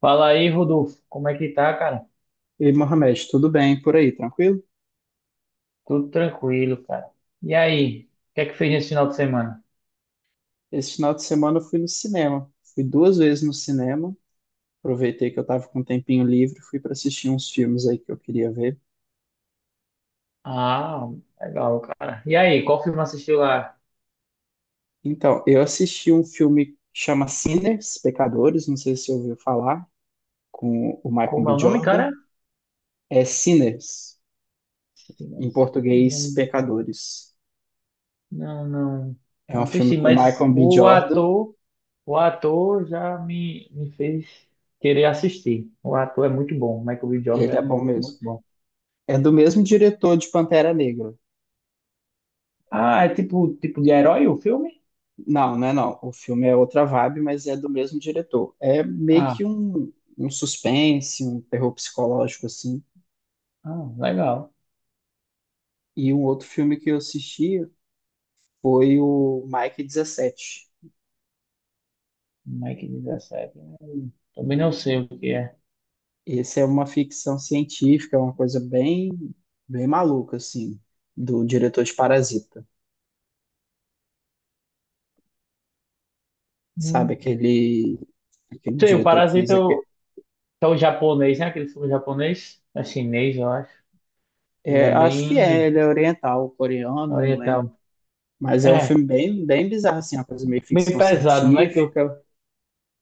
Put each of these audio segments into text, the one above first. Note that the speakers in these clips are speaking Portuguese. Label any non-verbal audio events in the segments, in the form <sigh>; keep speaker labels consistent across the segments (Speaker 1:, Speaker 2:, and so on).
Speaker 1: Fala aí, Rodolfo. Como é que tá, cara?
Speaker 2: E Mohamed, tudo bem por aí, tranquilo?
Speaker 1: Tudo tranquilo, cara. E aí, o que é que fez nesse final de semana?
Speaker 2: Esse final de semana eu fui no cinema. Fui duas vezes no cinema. Aproveitei que eu estava com um tempinho livre, fui para assistir uns filmes aí que eu queria ver.
Speaker 1: Ah, legal, cara. E aí, qual filme assistiu lá?
Speaker 2: Então, eu assisti um filme que chama Sinners, Pecadores, não sei se você ouviu falar, com o Michael
Speaker 1: Como é
Speaker 2: B.
Speaker 1: o nome,
Speaker 2: Jordan.
Speaker 1: cara?
Speaker 2: É Sinners,
Speaker 1: Sim,
Speaker 2: em
Speaker 1: mas.
Speaker 2: português,
Speaker 1: Não,
Speaker 2: Pecadores.
Speaker 1: não, não,
Speaker 2: É
Speaker 1: não
Speaker 2: um filme
Speaker 1: assisti,
Speaker 2: com o
Speaker 1: mas
Speaker 2: Michael B. Jordan,
Speaker 1: o ator já me fez querer assistir. O ator é muito bom. O Michael B. Jordan
Speaker 2: ele
Speaker 1: é
Speaker 2: é bom
Speaker 1: muito, muito
Speaker 2: mesmo.
Speaker 1: bom.
Speaker 2: É do mesmo diretor de Pantera Negra.
Speaker 1: Ah, é tipo, tipo de herói o filme?
Speaker 2: Não, não é não. O filme é outra vibe, mas é do mesmo diretor. É meio
Speaker 1: Ah,
Speaker 2: que um suspense, um terror psicológico, assim.
Speaker 1: ah, legal.
Speaker 2: E um outro filme que eu assisti foi o Mike 17.
Speaker 1: Mike 17. Também não sei o que é.
Speaker 2: Esse é uma ficção científica, é uma coisa bem, bem maluca, assim, do diretor de Parasita. Sabe
Speaker 1: Hum.
Speaker 2: aquele
Speaker 1: Sei, o
Speaker 2: diretor que fez
Speaker 1: Parasita é
Speaker 2: aquele...
Speaker 1: o, é o japonês, né? Aquele filme japonês. É chinês, eu acho. Ele é
Speaker 2: É, acho que
Speaker 1: bem
Speaker 2: é, ele é oriental, coreano, não lembro.
Speaker 1: oriental.
Speaker 2: Mas é um
Speaker 1: É,
Speaker 2: filme bem, bem bizarro, assim, uma coisa meio
Speaker 1: bem
Speaker 2: ficção
Speaker 1: pesado, não é que,
Speaker 2: científica.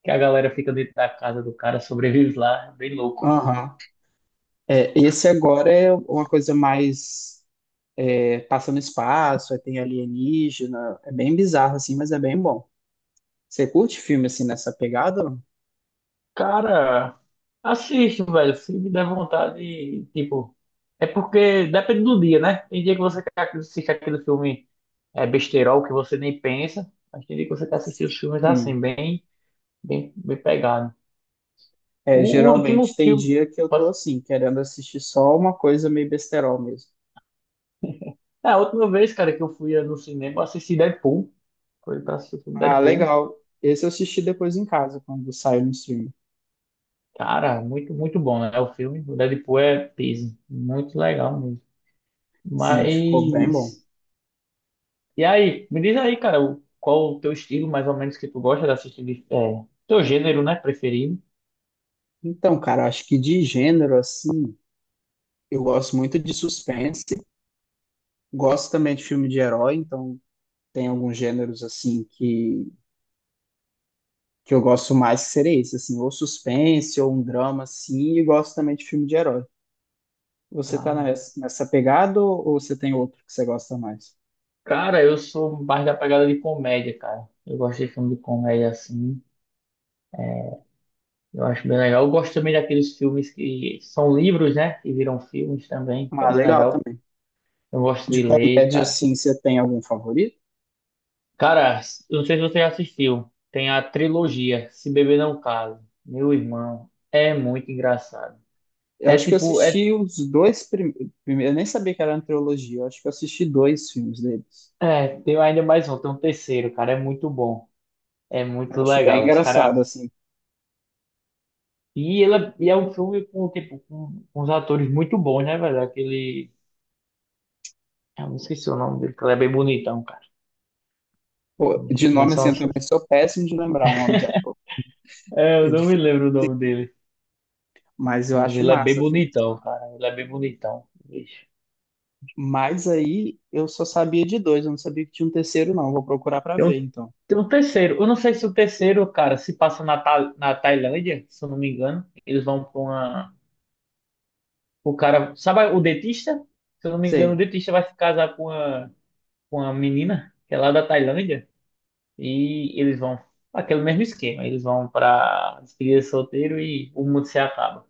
Speaker 1: que a galera fica dentro da casa do cara, sobrevive lá. É bem louco.
Speaker 2: Aham. É, esse agora é uma coisa mais é, passa no espaço, aí tem alienígena, é bem bizarro assim, mas é bem bom. Você curte filme assim nessa pegada?
Speaker 1: Cara, assisto, velho. Se me der vontade, tipo. É porque depende do dia, né? Tem dia que você quer assistir aquele filme é, besterol que você nem pensa. Mas tem dia que você quer assistir os filmes assim,
Speaker 2: Sim.
Speaker 1: bem pegado. O
Speaker 2: É,
Speaker 1: último
Speaker 2: geralmente tem
Speaker 1: filme.
Speaker 2: dia que eu tô
Speaker 1: posso-
Speaker 2: assim, querendo assistir só uma coisa meio besterol mesmo.
Speaker 1: É, a última vez, cara, que eu fui no cinema, eu assisti Deadpool. Foi pra assistir o filme
Speaker 2: Ah,
Speaker 1: Deadpool.
Speaker 2: legal. Esse eu assisti depois em casa, quando saiu no stream.
Speaker 1: Cara, muito, muito bom, né? O filme. O Deadpool é peso. Muito legal mesmo.
Speaker 2: Sim, ficou bem bom.
Speaker 1: Mas. E aí? Me diz aí, cara, qual o teu estilo, mais ou menos, que tu gosta de assistir? Teu gênero, né? Preferido.
Speaker 2: Então, cara, acho que de gênero assim, eu gosto muito de suspense, gosto também de filme de herói, então tem alguns gêneros assim que eu gosto mais que seria esse, assim, ou suspense, ou um drama, assim, e gosto também de filme de herói. Você tá
Speaker 1: Ah,
Speaker 2: nessa pegada ou você tem outro que você gosta mais?
Speaker 1: cara, eu sou mais da pegada de comédia, cara. Eu gosto de filme de comédia assim. Eu acho bem legal. Eu gosto também daqueles filmes que são livros, né? Que viram filmes também, que é
Speaker 2: Ah,
Speaker 1: bem
Speaker 2: legal
Speaker 1: legal.
Speaker 2: também.
Speaker 1: Eu gosto de
Speaker 2: De
Speaker 1: ler,
Speaker 2: comédia,
Speaker 1: cara.
Speaker 2: assim, você tem algum favorito?
Speaker 1: Cara, eu não sei se você já assistiu. Tem a trilogia Se Beber Não Case. Meu irmão, é muito engraçado.
Speaker 2: Eu
Speaker 1: É
Speaker 2: acho que eu
Speaker 1: tipo, é,
Speaker 2: assisti os dois primeiros, eu nem sabia que era uma trilogia, eu acho que eu assisti dois filmes deles.
Speaker 1: é, tem ainda mais um, tem um terceiro, cara. É muito bom. É
Speaker 2: Eu
Speaker 1: muito
Speaker 2: acho bem
Speaker 1: legal. Os cara.
Speaker 2: engraçado, assim.
Speaker 1: E, é um filme com, tipo, com uns atores muito bons, né, velho? Aquele. Eu não esqueci o nome dele, que ele é bem bonitão, cara.
Speaker 2: Pô,
Speaker 1: Não
Speaker 2: de
Speaker 1: sei.
Speaker 2: nome, assim, eu também sou péssimo de lembrar o nome de ator,
Speaker 1: Eu
Speaker 2: é
Speaker 1: não me
Speaker 2: difícil,
Speaker 1: lembro o nome dele,
Speaker 2: mas eu
Speaker 1: mas
Speaker 2: acho
Speaker 1: ele é bem
Speaker 2: massa o filme.
Speaker 1: bonitão, cara. Ele é bem bonitão. Vixe.
Speaker 2: Mas aí eu só sabia de dois, eu não sabia que tinha um terceiro, não. Vou procurar pra
Speaker 1: Tem
Speaker 2: ver,
Speaker 1: um,
Speaker 2: então.
Speaker 1: tem um terceiro. Eu não sei se o terceiro, cara, se passa na Tailândia, se eu não me engano. Eles vão com uma. O cara. Sabe o dentista? Se eu não me engano, o
Speaker 2: Sei.
Speaker 1: dentista vai se casar com uma menina, que é lá da Tailândia. E eles vão. Aquele mesmo esquema. Eles vão pra despedida de solteiro e o mundo se acaba.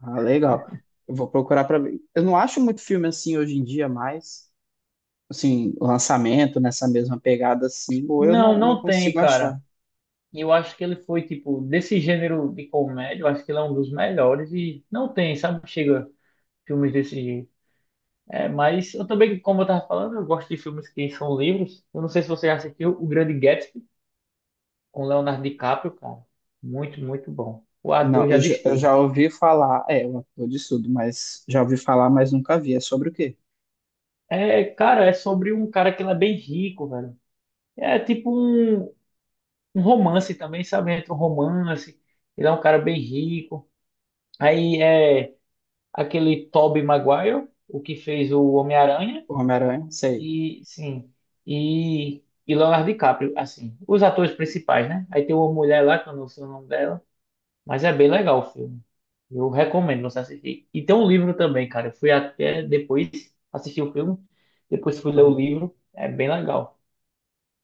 Speaker 2: Ah, legal. Eu vou procurar pra ver. Eu não acho muito filme assim hoje em dia, mas, assim, lançamento nessa mesma pegada assim, ou eu
Speaker 1: Não,
Speaker 2: não, não
Speaker 1: não tem,
Speaker 2: consigo achar.
Speaker 1: cara. E eu acho que ele foi, tipo, desse gênero de comédia, eu acho que ele é um dos melhores e não tem, sabe? Chega filmes desse jeito. É, mas eu também, como eu tava falando, eu gosto de filmes que são livros. Eu não sei se você já assistiu O Grande Gatsby com Leonardo DiCaprio, cara. Muito, muito bom. O
Speaker 2: Não,
Speaker 1: ator já diz
Speaker 2: eu
Speaker 1: tudo.
Speaker 2: já ouvi falar, é, o ator de tudo. Mas já ouvi falar, mas nunca vi. É sobre o quê?
Speaker 1: É, cara, é sobre um cara que ele é bem rico, velho. É tipo um, um romance também, sabe? Entre um romance. Ele é um cara bem rico. Aí é aquele Tobey Maguire, o que fez o Homem-Aranha,
Speaker 2: O Homem-Aranha? Sei.
Speaker 1: e sim, e, e Leonardo DiCaprio, assim, os atores principais, né? Aí tem uma mulher lá, que eu não sei o nome dela, mas é bem legal o filme. Eu recomendo você assistir. E tem um livro também, cara. Eu fui até depois assistir o filme, depois fui ler o
Speaker 2: Aham.
Speaker 1: livro. É bem legal.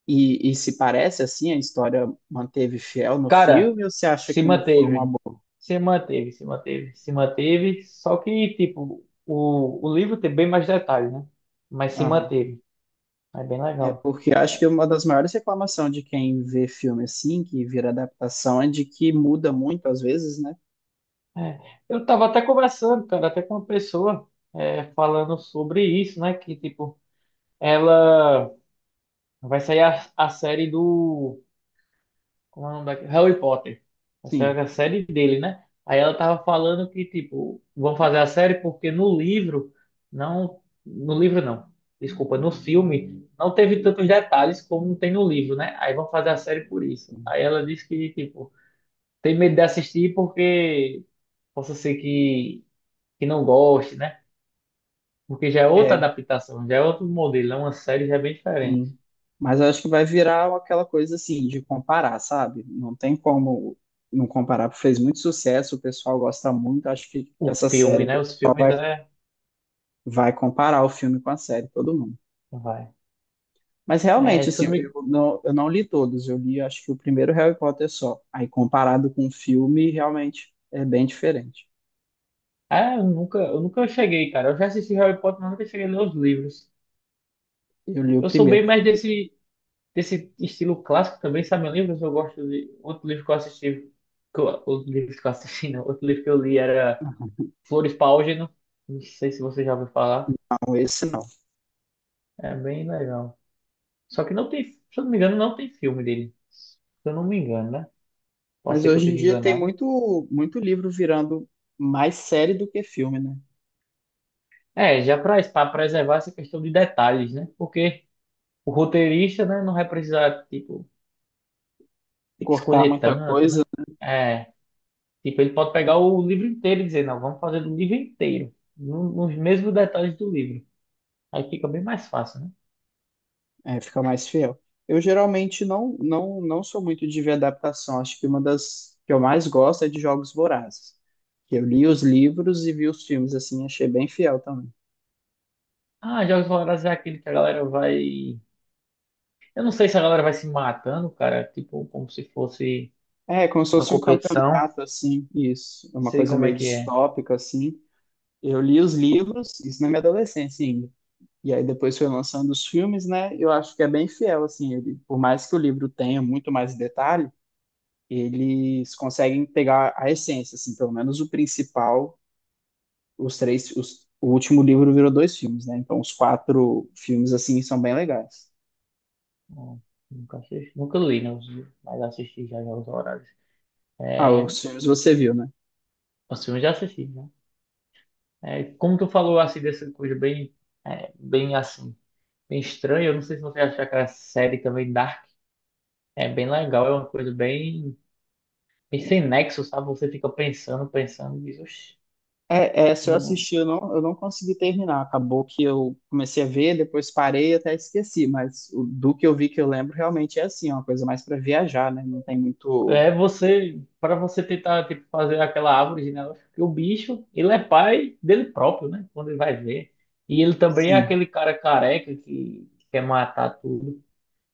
Speaker 2: E se parece assim, a história manteve fiel no
Speaker 1: Cara,
Speaker 2: filme, ou você acha
Speaker 1: se
Speaker 2: que não foi uma
Speaker 1: manteve.
Speaker 2: boa?
Speaker 1: Se manteve, se manteve, se manteve. Só que, tipo, o livro tem bem mais detalhes, né? Mas se
Speaker 2: Aham.
Speaker 1: manteve. É bem
Speaker 2: É,
Speaker 1: legal.
Speaker 2: porque acho que uma das maiores reclamações de quem vê filme assim, que vira adaptação, é de que muda muito às vezes, né?
Speaker 1: É, eu tava até conversando, cara, até com uma pessoa falando sobre isso, né? Que, tipo, ela vai sair a série do. Como é o nome daquele? Harry Potter. Vai
Speaker 2: Sim,
Speaker 1: sair a série dele, né? Aí ela tava falando que, tipo, vão fazer a série porque no livro não. No livro não. Desculpa, no filme não teve tantos detalhes como tem no livro, né? Aí vão fazer a série por isso. Aí ela disse que, tipo, tem medo de assistir porque. Possa ser que não goste, né? Porque já é outra
Speaker 2: é,
Speaker 1: adaptação, já é outro modelo, é uma série já é bem diferente.
Speaker 2: sim. Mas acho que vai virar aquela coisa assim, de comparar, sabe? Não tem como não comparar, porque fez muito sucesso, o pessoal gosta muito, acho que
Speaker 1: O
Speaker 2: essa
Speaker 1: filme,
Speaker 2: série
Speaker 1: né? Os filmes, né?
Speaker 2: vai comparar o filme com a série, todo mundo.
Speaker 1: Vai.
Speaker 2: Mas
Speaker 1: É,
Speaker 2: realmente,
Speaker 1: se eu
Speaker 2: assim,
Speaker 1: não me.
Speaker 2: eu não li todos, eu li acho que o primeiro Harry Potter só. Aí comparado com o filme, realmente é bem diferente.
Speaker 1: Ah, eu nunca cheguei, cara. Eu já assisti Harry Potter, mas nunca cheguei a ler os livros.
Speaker 2: Eu li o
Speaker 1: Eu sou
Speaker 2: primeiro,
Speaker 1: bem mais desse estilo clássico também, sabe? Livros eu gosto de. Outro livro que eu assisti. Que eu. Outro livro que eu assisti, não. Outro livro que eu li era Flores para Álgeno. Não sei se você já ouviu falar.
Speaker 2: não esse não.
Speaker 1: É bem legal. Só que não tem. Se eu não me engano, não tem filme dele. Se eu não me engano, né? Pode
Speaker 2: Mas
Speaker 1: ser que eu
Speaker 2: hoje em
Speaker 1: esteja
Speaker 2: dia tem
Speaker 1: enganado.
Speaker 2: muito, muito livro virando mais série do que filme, né?
Speaker 1: É, já para preservar essa questão de detalhes, né? Porque o roteirista, né, não vai precisar, tipo, ter que
Speaker 2: Cortar
Speaker 1: escolher
Speaker 2: muita
Speaker 1: tanto, né?
Speaker 2: coisa,
Speaker 1: É, tipo, ele pode pegar o livro inteiro e dizer, não, vamos fazer do livro inteiro, nos mesmos detalhes do livro. Aí fica bem mais fácil, né?
Speaker 2: é, fica mais fiel. Eu geralmente não sou muito de ver adaptação. Acho que uma das que eu mais gosto é de Jogos Vorazes. Que eu li os livros e vi os filmes, assim, achei bem fiel também.
Speaker 1: Ah, Jogos Vorazes é aquele que a galera vai. Eu não sei se a galera vai se matando, cara, tipo, como se fosse
Speaker 2: É, como se
Speaker 1: uma
Speaker 2: fosse um
Speaker 1: competição.
Speaker 2: campeonato, assim, isso. É uma
Speaker 1: Sei
Speaker 2: coisa
Speaker 1: como é
Speaker 2: meio
Speaker 1: que é.
Speaker 2: distópica, assim. Eu li os livros, isso na minha adolescência ainda. E aí depois foi lançando os filmes, né? Eu acho que é bem fiel, assim, ele, por mais que o livro tenha muito mais detalhe, eles conseguem pegar a essência, assim, pelo menos o principal, os três, o último livro virou dois filmes, né? Então os quatro filmes, assim, são bem legais.
Speaker 1: Não, nunca assisti, nunca li, né? os Mas assisti já Jogos Vorazes.
Speaker 2: Ah,
Speaker 1: É,
Speaker 2: os filmes você viu, né?
Speaker 1: os filmes já assisti, né? É, como tu falou assim dessa coisa bem, bem assim, bem estranha, eu não sei se você achar aquela série também Dark. É bem legal, é uma coisa bem, bem sem nexo, sabe? Você fica pensando, pensando e diz, "Oxe,
Speaker 2: É, se eu
Speaker 1: não."
Speaker 2: assisti, eu não consegui terminar. Acabou que eu comecei a ver, depois parei e até esqueci. Mas do que eu vi que eu lembro realmente é assim, é uma coisa mais para viajar, né? Não tem muito.
Speaker 1: É você, para você tentar tipo, fazer aquela árvore genealógica, porque o bicho, ele é pai dele próprio, né? Quando ele vai ver. E ele também é
Speaker 2: Sim.
Speaker 1: aquele cara careca que quer matar tudo,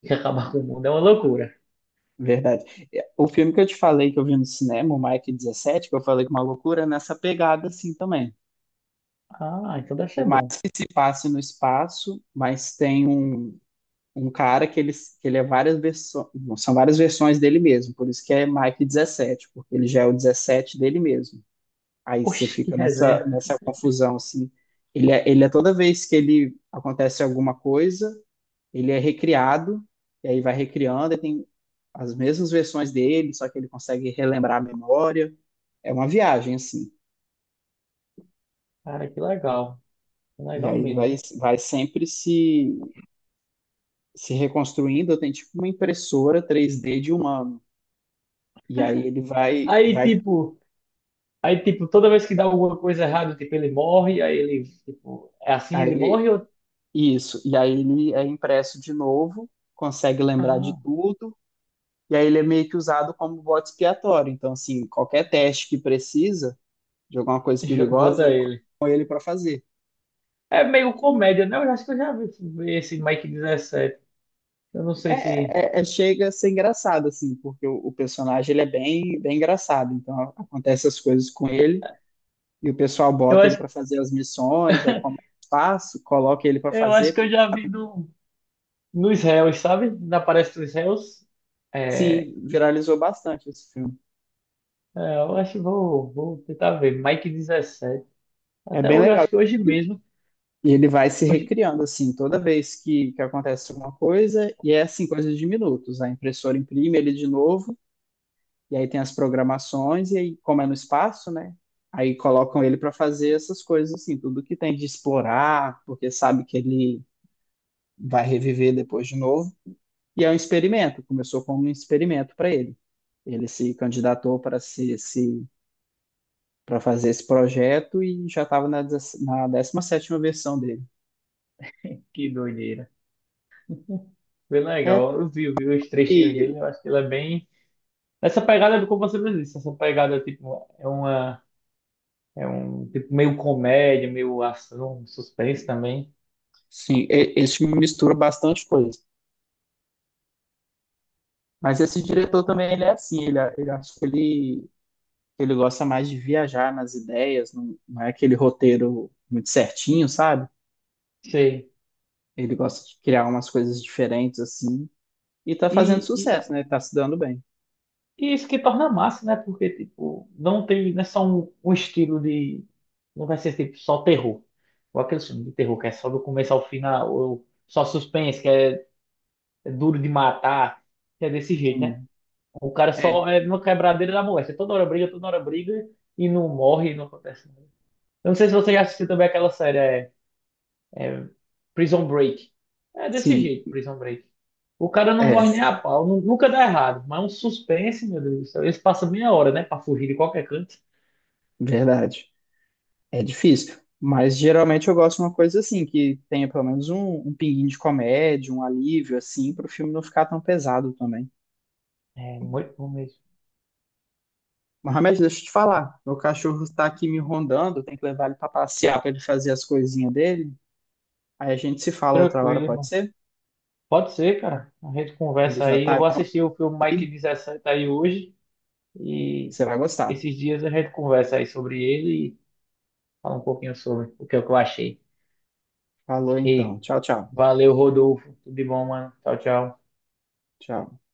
Speaker 1: que acabar com o mundo. É uma loucura.
Speaker 2: Verdade. É, o filme que eu te falei que eu vi no cinema, o Mike 17 que eu falei que é uma loucura, é nessa pegada assim também.
Speaker 1: Ah, então deve ser
Speaker 2: Por mais
Speaker 1: bom.
Speaker 2: que passe no espaço, mas tem um cara que ele, é várias versões, são várias versões dele mesmo, por isso que é Mike 17 porque ele já é o 17 dele mesmo. Aí você
Speaker 1: Oxe, que
Speaker 2: fica nessa,
Speaker 1: resenha.
Speaker 2: nessa confusão assim. Ele é toda vez que ele acontece alguma coisa, ele é recriado, e aí vai recriando, e tem as mesmas versões dele, só que ele consegue relembrar a memória. É uma viagem, assim.
Speaker 1: Cara, que legal. Que
Speaker 2: E
Speaker 1: legal
Speaker 2: aí ele vai,
Speaker 1: mesmo.
Speaker 2: vai sempre se reconstruindo. Tem tipo uma impressora 3D de humano. E aí ele vai,
Speaker 1: Aí,
Speaker 2: vai,
Speaker 1: tipo, aí, tipo, toda vez que dá alguma coisa errada, tipo, ele morre, aí ele, tipo, é assim
Speaker 2: aí
Speaker 1: ele
Speaker 2: ele,
Speaker 1: morre ou.
Speaker 2: isso. E aí ele é impresso de novo, consegue lembrar de
Speaker 1: Ah,
Speaker 2: tudo. E aí ele é meio que usado como bode expiatório. Então, assim, qualquer teste que precisa de alguma
Speaker 1: <laughs>
Speaker 2: coisa
Speaker 1: bota
Speaker 2: perigosa,
Speaker 1: ele.
Speaker 2: com ele para fazer.
Speaker 1: É meio comédia, né? Eu acho que eu já vi esse Mike 17. Eu não sei se.
Speaker 2: É, chega a ser engraçado, assim, porque o personagem ele é bem, bem engraçado. Então acontece as coisas com ele e o pessoal
Speaker 1: Eu
Speaker 2: bota ele
Speaker 1: acho,
Speaker 2: para fazer as missões, aí começa o espaço, coloca ele para
Speaker 1: eu acho
Speaker 2: fazer.
Speaker 1: que eu já vi no, nos réus, sabe? Na palestra dos réus. É, é,
Speaker 2: Sim, viralizou bastante esse filme.
Speaker 1: eu acho que vou tentar ver. Mike 17.
Speaker 2: É
Speaker 1: Até
Speaker 2: bem
Speaker 1: hoje,
Speaker 2: legal.
Speaker 1: acho que hoje
Speaker 2: E
Speaker 1: mesmo.
Speaker 2: e ele vai se
Speaker 1: Hoje,
Speaker 2: recriando, assim, toda vez que acontece alguma coisa, e é assim, coisa de minutos. A impressora imprime ele de novo. E aí tem as programações, e aí, como é no espaço, né? Aí colocam ele para fazer essas coisas, assim, tudo que tem de explorar, porque sabe que ele vai reviver depois de novo. E é um experimento, começou como um experimento para ele. Ele se candidatou para se para fazer esse projeto e já estava na 17ª versão dele.
Speaker 1: que doideira. Bem
Speaker 2: É,
Speaker 1: legal. Eu vi, vi os trechinhos
Speaker 2: e,
Speaker 1: dele, eu acho que ele é bem. Essa pegada do como você mesmo disse, essa pegada tipo, é uma. É um tipo meio comédia, meio ação, suspense também.
Speaker 2: sim, esse filme mistura bastante coisa. Mas esse diretor também, ele é assim, ele, ele acho que ele gosta mais de viajar nas ideias, não, não é aquele roteiro muito certinho, sabe?
Speaker 1: Sei.
Speaker 2: Ele gosta de criar umas coisas diferentes assim e tá
Speaker 1: E,
Speaker 2: fazendo
Speaker 1: e,
Speaker 2: sucesso, né? Tá se dando bem.
Speaker 1: e isso que torna massa, né? Porque, tipo, não tem. Não é só um, estilo de. Não vai ser tipo só terror. Ou aquele filme de terror que é só do começo ao final, ou só suspense, que é duro de matar, que é desse jeito, né?
Speaker 2: Sim.
Speaker 1: O cara só
Speaker 2: É,
Speaker 1: é uma quebradeira da moléstia. Toda hora briga e não morre, não acontece nada. Eu não sei se você já assistiu também aquela série, é Prison Break. É desse
Speaker 2: sim,
Speaker 1: jeito, Prison Break. O cara não
Speaker 2: é,
Speaker 1: morre nem a pau, nunca dá errado, mas é um suspense, meu Deus do céu. Eles passam meia hora, né, pra fugir de qualquer canto.
Speaker 2: verdade. É difícil. Mas geralmente eu gosto de uma coisa assim, que tenha pelo menos um pinguinho de comédia, um alívio, assim, para o filme não ficar tão pesado também.
Speaker 1: É muito bom mesmo.
Speaker 2: Mohamed, deixa eu te falar. Meu cachorro está aqui me rondando, tem que levar ele para passear para ele fazer as coisinhas dele. Aí a gente se fala outra hora,
Speaker 1: Tranquilo,
Speaker 2: pode
Speaker 1: irmão.
Speaker 2: ser?
Speaker 1: Pode ser, cara. A gente
Speaker 2: Ele
Speaker 1: conversa
Speaker 2: já
Speaker 1: aí. Eu
Speaker 2: tá
Speaker 1: vou assistir o filme Mike
Speaker 2: aqui,
Speaker 1: 17 aí hoje e
Speaker 2: você vai gostar.
Speaker 1: esses dias a gente conversa aí sobre ele e fala um pouquinho sobre o que eu achei.
Speaker 2: Falou
Speaker 1: E
Speaker 2: então. Tchau, tchau.
Speaker 1: Valeu, Rodolfo. Tudo de bom, mano. Tchau, tchau.
Speaker 2: Tchau.